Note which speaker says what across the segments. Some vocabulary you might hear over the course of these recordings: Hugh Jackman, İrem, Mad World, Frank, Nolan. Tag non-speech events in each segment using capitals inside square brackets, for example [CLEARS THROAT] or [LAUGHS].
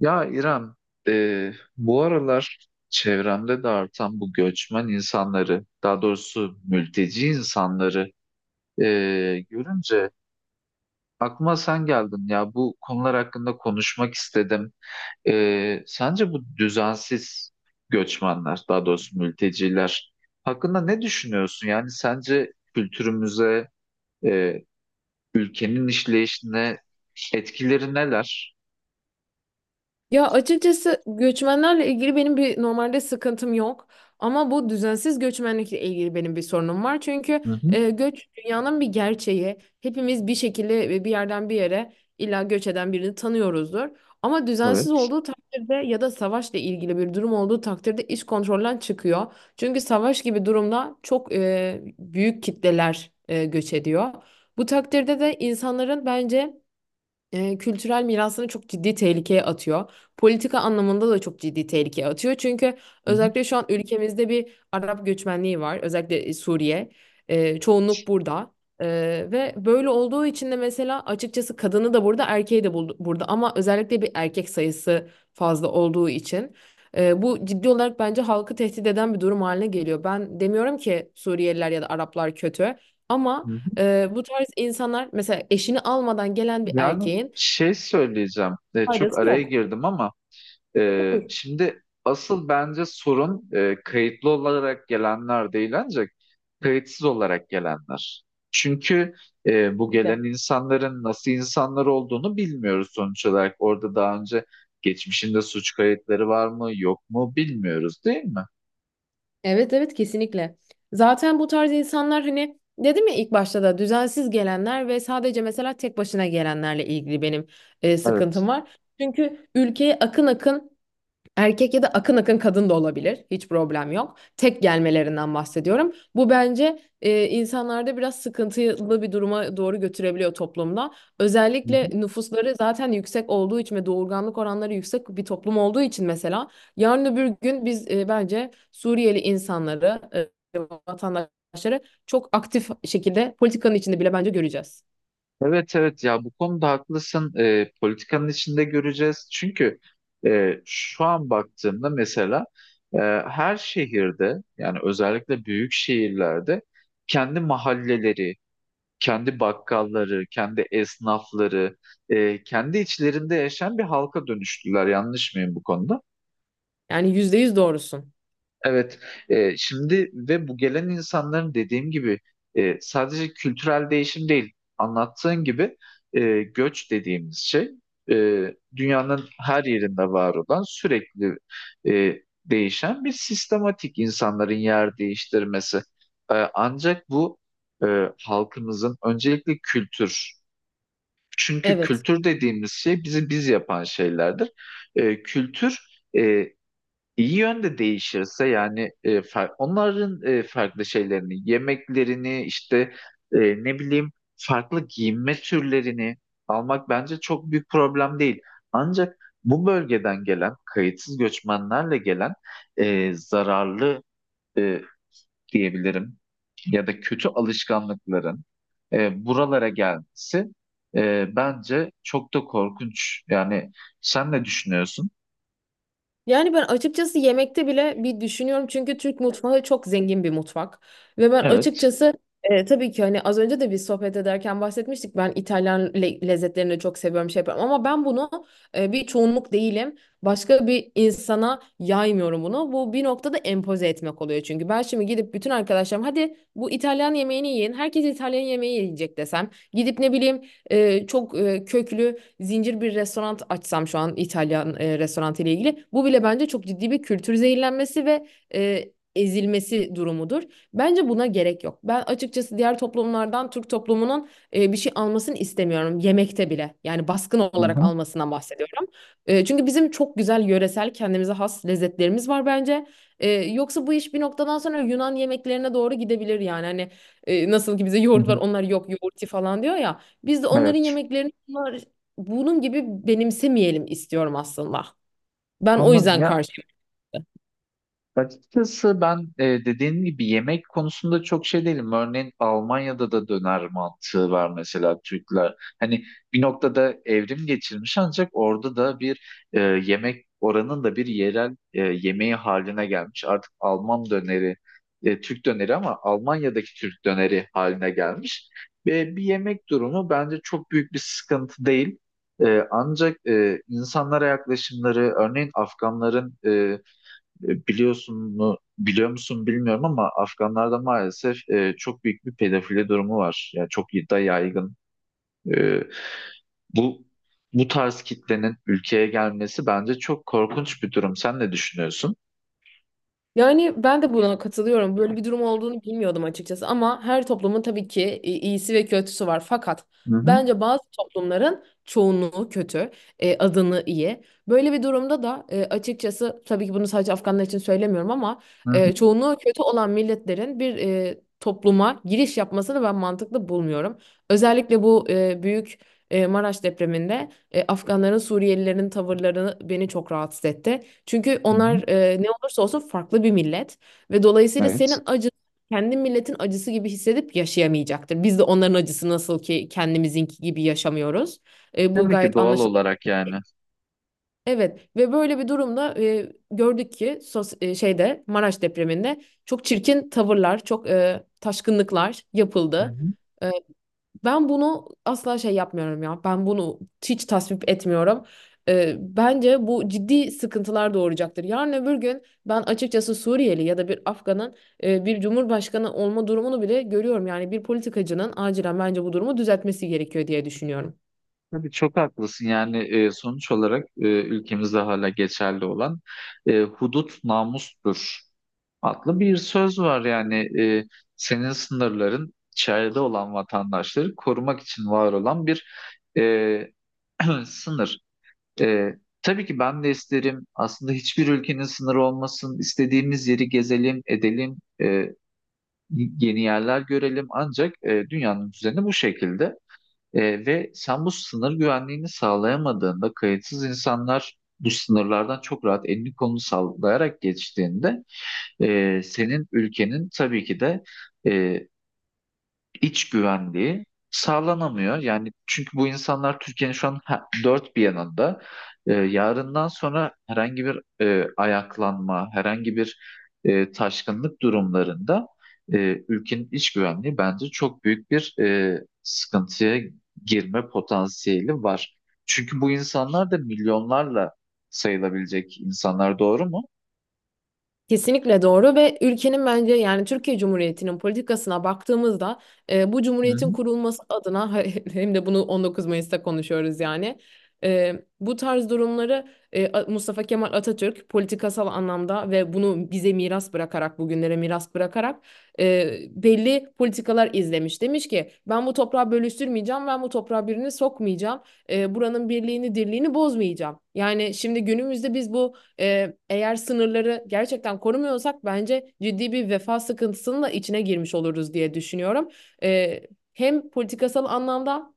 Speaker 1: Ya İrem, bu aralar çevremde de artan bu göçmen insanları, daha doğrusu mülteci insanları e, görünce aklıma sen geldin. Ya bu konular hakkında konuşmak istedim. Sence bu düzensiz göçmenler, daha doğrusu mülteciler hakkında ne düşünüyorsun? Yani sence kültürümüze, e, ülkenin işleyişine etkileri neler?
Speaker 2: Ya açıkçası göçmenlerle ilgili benim bir normalde sıkıntım yok. Ama bu düzensiz göçmenlikle ilgili benim bir sorunum var. Çünkü
Speaker 1: Hı hı.
Speaker 2: göç dünyanın bir gerçeği. Hepimiz bir şekilde ve bir yerden bir yere illa göç eden birini tanıyoruzdur. Ama düzensiz
Speaker 1: Evet.
Speaker 2: olduğu takdirde ya da savaşla ilgili bir durum olduğu takdirde iş kontrolden çıkıyor. Çünkü savaş gibi durumda çok büyük kitleler göç ediyor. Bu takdirde de insanların bence kültürel mirasını çok ciddi tehlikeye atıyor. Politika anlamında da çok ciddi tehlikeye atıyor. Çünkü
Speaker 1: Hı hı.
Speaker 2: özellikle şu an ülkemizde bir Arap göçmenliği var. Özellikle Suriye. Çoğunluk burada. E, Ve böyle olduğu için de mesela açıkçası kadını da burada, erkeği de burada. Ama özellikle bir erkek sayısı fazla olduğu için bu ciddi olarak bence halkı tehdit eden bir durum haline geliyor. Ben demiyorum ki Suriyeliler ya da Araplar kötü. Ama
Speaker 1: Hı.
Speaker 2: bu tarz insanlar mesela eşini almadan gelen bir
Speaker 1: Yani
Speaker 2: erkeğin
Speaker 1: şey söyleyeceğim, çok
Speaker 2: faydası
Speaker 1: araya
Speaker 2: yok.
Speaker 1: girdim ama
Speaker 2: Mutluluk
Speaker 1: şimdi asıl bence sorun kayıtlı olarak gelenler değil ancak kayıtsız olarak gelenler. Çünkü bu gelen
Speaker 2: kesinlikle.
Speaker 1: insanların nasıl insanlar olduğunu bilmiyoruz sonuç olarak. Orada daha önce geçmişinde suç kayıtları var mı yok mu bilmiyoruz değil mi?
Speaker 2: Evet evet, kesinlikle. Zaten bu tarz insanlar hani dedim ya ilk başta da düzensiz gelenler ve sadece mesela tek başına gelenlerle ilgili benim sıkıntım
Speaker 1: Evet.
Speaker 2: var. Çünkü ülkeye akın akın erkek ya da akın akın kadın da olabilir. Hiç problem yok. Tek gelmelerinden bahsediyorum. Bu bence insanlarda biraz sıkıntılı bir duruma doğru götürebiliyor toplumda. Özellikle nüfusları zaten yüksek olduğu için ve doğurganlık oranları yüksek bir toplum olduğu için mesela yarın öbür gün biz bence Suriyeli insanları, e, vatandaşları çok aktif şekilde politikanın içinde bile bence göreceğiz.
Speaker 1: Evet, evet, ya bu konuda haklısın. Politikanın içinde göreceğiz. Çünkü şu an baktığımda mesela e, her şehirde yani özellikle büyük şehirlerde kendi mahalleleri, kendi bakkalları, kendi esnafları, kendi içlerinde yaşayan bir halka dönüştüler. Yanlış mıyım bu konuda?
Speaker 2: Yani yüzde yüz doğrusun.
Speaker 1: Evet, şimdi ve bu gelen insanların dediğim gibi sadece kültürel değişim değil, anlattığın gibi göç dediğimiz şey e, dünyanın her yerinde var olan sürekli e, değişen bir sistematik insanların yer değiştirmesi. Ancak bu e, halkımızın öncelikle kültür, çünkü
Speaker 2: Evet.
Speaker 1: kültür dediğimiz şey bizi biz yapan şeylerdir. Kültür e, İyi yönde değişirse yani onların farklı şeylerini, yemeklerini işte e, ne bileyim farklı giyinme türlerini almak bence çok büyük problem değil. Ancak bu bölgeden gelen kayıtsız göçmenlerle gelen zararlı e, diyebilirim ya da kötü alışkanlıkların buralara gelmesi bence çok da korkunç. Yani sen ne düşünüyorsun?
Speaker 2: Yani ben açıkçası yemekte bile bir düşünüyorum çünkü Türk mutfağı çok zengin bir mutfak. Ve ben
Speaker 1: Evet.
Speaker 2: açıkçası tabii ki hani az önce de bir sohbet ederken bahsetmiştik. Ben İtalyan lezzetlerini de çok seviyorum şey yapıyorum. Ama ben bunu bir çoğunluk değilim. Başka bir insana yaymıyorum bunu. Bu bir noktada empoze etmek oluyor çünkü. Ben şimdi gidip bütün arkadaşlarım hadi bu İtalyan yemeğini yiyin. Herkes İtalyan yemeği yiyecek desem. Gidip ne bileyim çok köklü zincir bir restoran açsam şu an İtalyan restoranı ile ilgili bu bile bence çok ciddi bir kültür zehirlenmesi ve e, ezilmesi durumudur. Bence buna gerek yok. Ben açıkçası diğer toplumlardan Türk toplumunun bir şey almasını istemiyorum yemekte bile. Yani baskın
Speaker 1: Hı
Speaker 2: olarak
Speaker 1: hı.
Speaker 2: almasından bahsediyorum. Çünkü bizim çok güzel yöresel kendimize has lezzetlerimiz var bence. Yoksa bu iş bir noktadan sonra Yunan yemeklerine doğru gidebilir yani. Hani nasıl ki bize
Speaker 1: Hı
Speaker 2: yoğurt var
Speaker 1: hı.
Speaker 2: onlar yok yoğurti falan diyor ya. Biz de onların
Speaker 1: Evet.
Speaker 2: yemeklerini bunun gibi benimsemeyelim istiyorum aslında. Ben o
Speaker 1: Anladım
Speaker 2: yüzden
Speaker 1: ya.
Speaker 2: karşıyım.
Speaker 1: Açıkçası ben dediğin gibi yemek konusunda çok şey değilim. Örneğin Almanya'da da döner mantığı var mesela Türkler. Hani bir noktada evrim geçirmiş ancak orada da bir yemek oranın da bir yerel yemeği haline gelmiş. Artık Alman döneri, Türk döneri ama Almanya'daki Türk döneri haline gelmiş. Ve bir yemek durumu bence çok büyük bir sıkıntı değil. Ancak insanlara yaklaşımları, örneğin Afganların... biliyor musun bilmiyorum ama Afganlarda maalesef çok büyük bir pedofili durumu var. Yani çok da yaygın. E, bu bu tarz kitlenin ülkeye gelmesi bence çok korkunç bir durum. Sen ne düşünüyorsun?
Speaker 2: Yani ben de buna katılıyorum.
Speaker 1: Hı
Speaker 2: Böyle bir durum olduğunu bilmiyordum açıkçası ama her toplumun tabii ki iyisi ve kötüsü var. Fakat
Speaker 1: hı.
Speaker 2: bence bazı toplumların çoğunluğu kötü, adını iyi. Böyle bir durumda da açıkçası tabii ki bunu sadece Afganlar için söylemiyorum ama
Speaker 1: Hı hı.
Speaker 2: çoğunluğu kötü olan milletlerin bir topluma giriş yapmasını ben mantıklı bulmuyorum. Özellikle bu büyük Maraş depreminde Afganların Suriyelilerin tavırlarını beni çok rahatsız etti. Çünkü
Speaker 1: Hı hı.
Speaker 2: onlar ne olursa olsun farklı bir millet ve dolayısıyla
Speaker 1: Evet.
Speaker 2: senin acın kendi milletin acısı gibi hissedip yaşayamayacaktır. Biz de onların acısı nasıl ki kendimizinki gibi yaşamıyoruz. Bu
Speaker 1: Tabii ki
Speaker 2: gayet
Speaker 1: doğal
Speaker 2: anlaşılır.
Speaker 1: olarak yani.
Speaker 2: Evet ve böyle bir durumda gördük ki şeyde Maraş depreminde çok çirkin tavırlar, çok taşkınlıklar
Speaker 1: Hı
Speaker 2: yapıldı.
Speaker 1: hı.
Speaker 2: E, Ben bunu asla şey yapmıyorum ya. Ben bunu hiç tasvip etmiyorum. Bence bu ciddi sıkıntılar doğuracaktır. Yarın öbür gün ben açıkçası Suriyeli ya da bir Afgan'ın bir cumhurbaşkanı olma durumunu bile görüyorum. Yani bir politikacının acilen bence bu durumu düzeltmesi gerekiyor diye düşünüyorum.
Speaker 1: Tabii çok haklısın. Yani sonuç olarak ülkemizde hala geçerli olan hudut namustur adlı bir söz var yani e, senin sınırların içeride olan vatandaşları korumak için var olan bir e, [CLEARS THROAT] sınır. E, tabii ki ben de isterim aslında hiçbir ülkenin sınırı olmasın, istediğimiz yeri gezelim, edelim, yeni yerler görelim ancak dünyanın düzeni bu şekilde. Ve sen bu sınır güvenliğini sağlayamadığında kayıtsız insanlar bu sınırlardan çok rahat elini kolunu sallayarak geçtiğinde senin ülkenin tabii ki de e, iç güvenliği sağlanamıyor. Yani çünkü bu insanlar Türkiye'nin şu an dört bir yanında. Yarından sonra herhangi bir ayaklanma, herhangi bir taşkınlık durumlarında ülkenin iç güvenliği bence çok büyük bir sıkıntıya girme potansiyeli var. Çünkü bu insanlar da milyonlarla sayılabilecek insanlar, doğru mu?
Speaker 2: Kesinlikle doğru ve ülkenin bence yani Türkiye Cumhuriyeti'nin politikasına baktığımızda bu
Speaker 1: Hı
Speaker 2: cumhuriyetin
Speaker 1: hı.
Speaker 2: kurulması adına [LAUGHS] hem de bunu 19 Mayıs'ta konuşuyoruz yani. E, Bu tarz durumları Mustafa Kemal Atatürk politikasal anlamda ve bunu bize miras bırakarak bugünlere miras bırakarak belli politikalar izlemiş. Demiş ki ben bu toprağı bölüştürmeyeceğim, ben bu toprağa birini sokmayacağım, buranın birliğini dirliğini bozmayacağım. Yani şimdi günümüzde biz bu eğer sınırları gerçekten korumuyorsak bence ciddi bir vefa sıkıntısının da içine girmiş oluruz diye düşünüyorum. Ee, Hem politikasal anlamda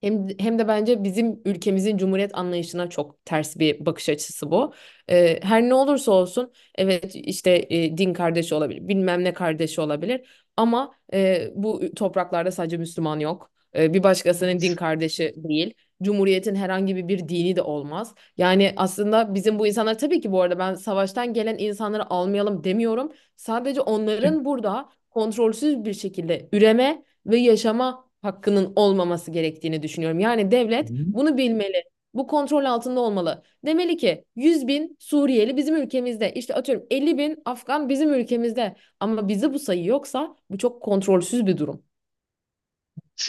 Speaker 2: hem de bence bizim ülkemizin cumhuriyet anlayışına çok ters bir bakış açısı bu. Her ne olursa olsun evet işte din kardeşi olabilir bilmem ne kardeşi olabilir ama bu topraklarda sadece Müslüman yok. Bir başkasının din kardeşi değil. Cumhuriyetin herhangi bir dini de olmaz. Yani aslında bizim bu insanlar tabii ki bu arada ben savaştan gelen insanları almayalım demiyorum. Sadece
Speaker 1: Kim?
Speaker 2: onların burada kontrolsüz bir şekilde üreme ve yaşama hakkının olmaması gerektiğini düşünüyorum. Yani devlet bunu bilmeli. Bu kontrol altında olmalı. Demeli ki 100 bin Suriyeli bizim ülkemizde. İşte atıyorum 50 bin Afgan bizim ülkemizde. Ama bizi bu sayı yoksa bu çok kontrolsüz bir durum.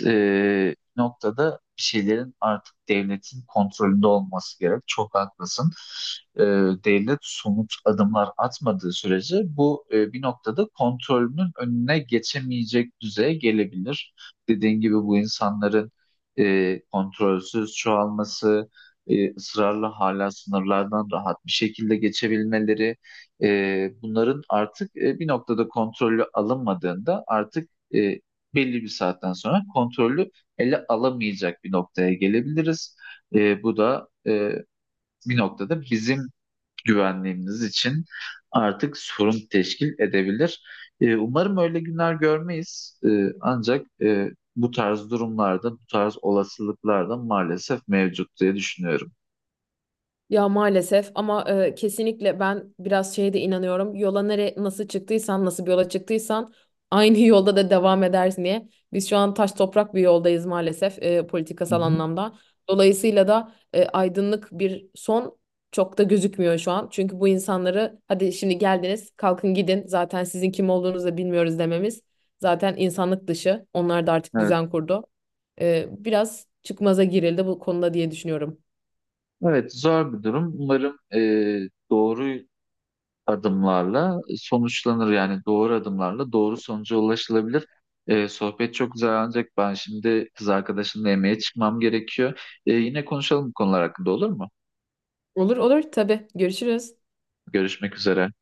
Speaker 1: Noktada bir şeylerin artık devletin kontrolünde olması gerek. Çok haklısın. E, Devlet somut adımlar atmadığı sürece bu bir noktada kontrolünün önüne geçemeyecek düzeye gelebilir. Dediğin gibi bu insanların kontrolsüz çoğalması, ısrarla hala sınırlardan rahat bir şekilde geçebilmeleri, bunların artık bir noktada kontrolü alınmadığında artık belli bir saatten sonra kontrollü ele alamayacak bir noktaya gelebiliriz. Bu da bir noktada bizim güvenliğimiz için artık sorun teşkil edebilir. Umarım öyle günler görmeyiz. Ancak bu tarz durumlarda, bu tarz olasılıklar da maalesef mevcut diye düşünüyorum.
Speaker 2: Ya maalesef ama kesinlikle ben biraz şeye de inanıyorum. Yola nere Nasıl çıktıysan, nasıl bir yola çıktıysan aynı [LAUGHS] yolda da devam edersin diye. Biz şu an taş toprak bir yoldayız maalesef
Speaker 1: Hı
Speaker 2: politikasal
Speaker 1: hı.
Speaker 2: anlamda. Dolayısıyla da aydınlık bir son çok da gözükmüyor şu an. Çünkü bu insanları hadi şimdi geldiniz, kalkın gidin. Zaten sizin kim olduğunuzu da bilmiyoruz dememiz zaten insanlık dışı. Onlar da artık
Speaker 1: Evet.
Speaker 2: düzen kurdu. Biraz çıkmaza girildi bu konuda diye düşünüyorum.
Speaker 1: Evet, zor bir durum. Umarım doğru adımlarla sonuçlanır. Yani doğru adımlarla doğru sonuca ulaşılabilir. Sohbet çok güzel ancak ben şimdi kız arkadaşımla yemeğe çıkmam gerekiyor. Yine konuşalım bu konular hakkında, olur mu?
Speaker 2: Olur olur, tabii. Görüşürüz.
Speaker 1: Görüşmek üzere.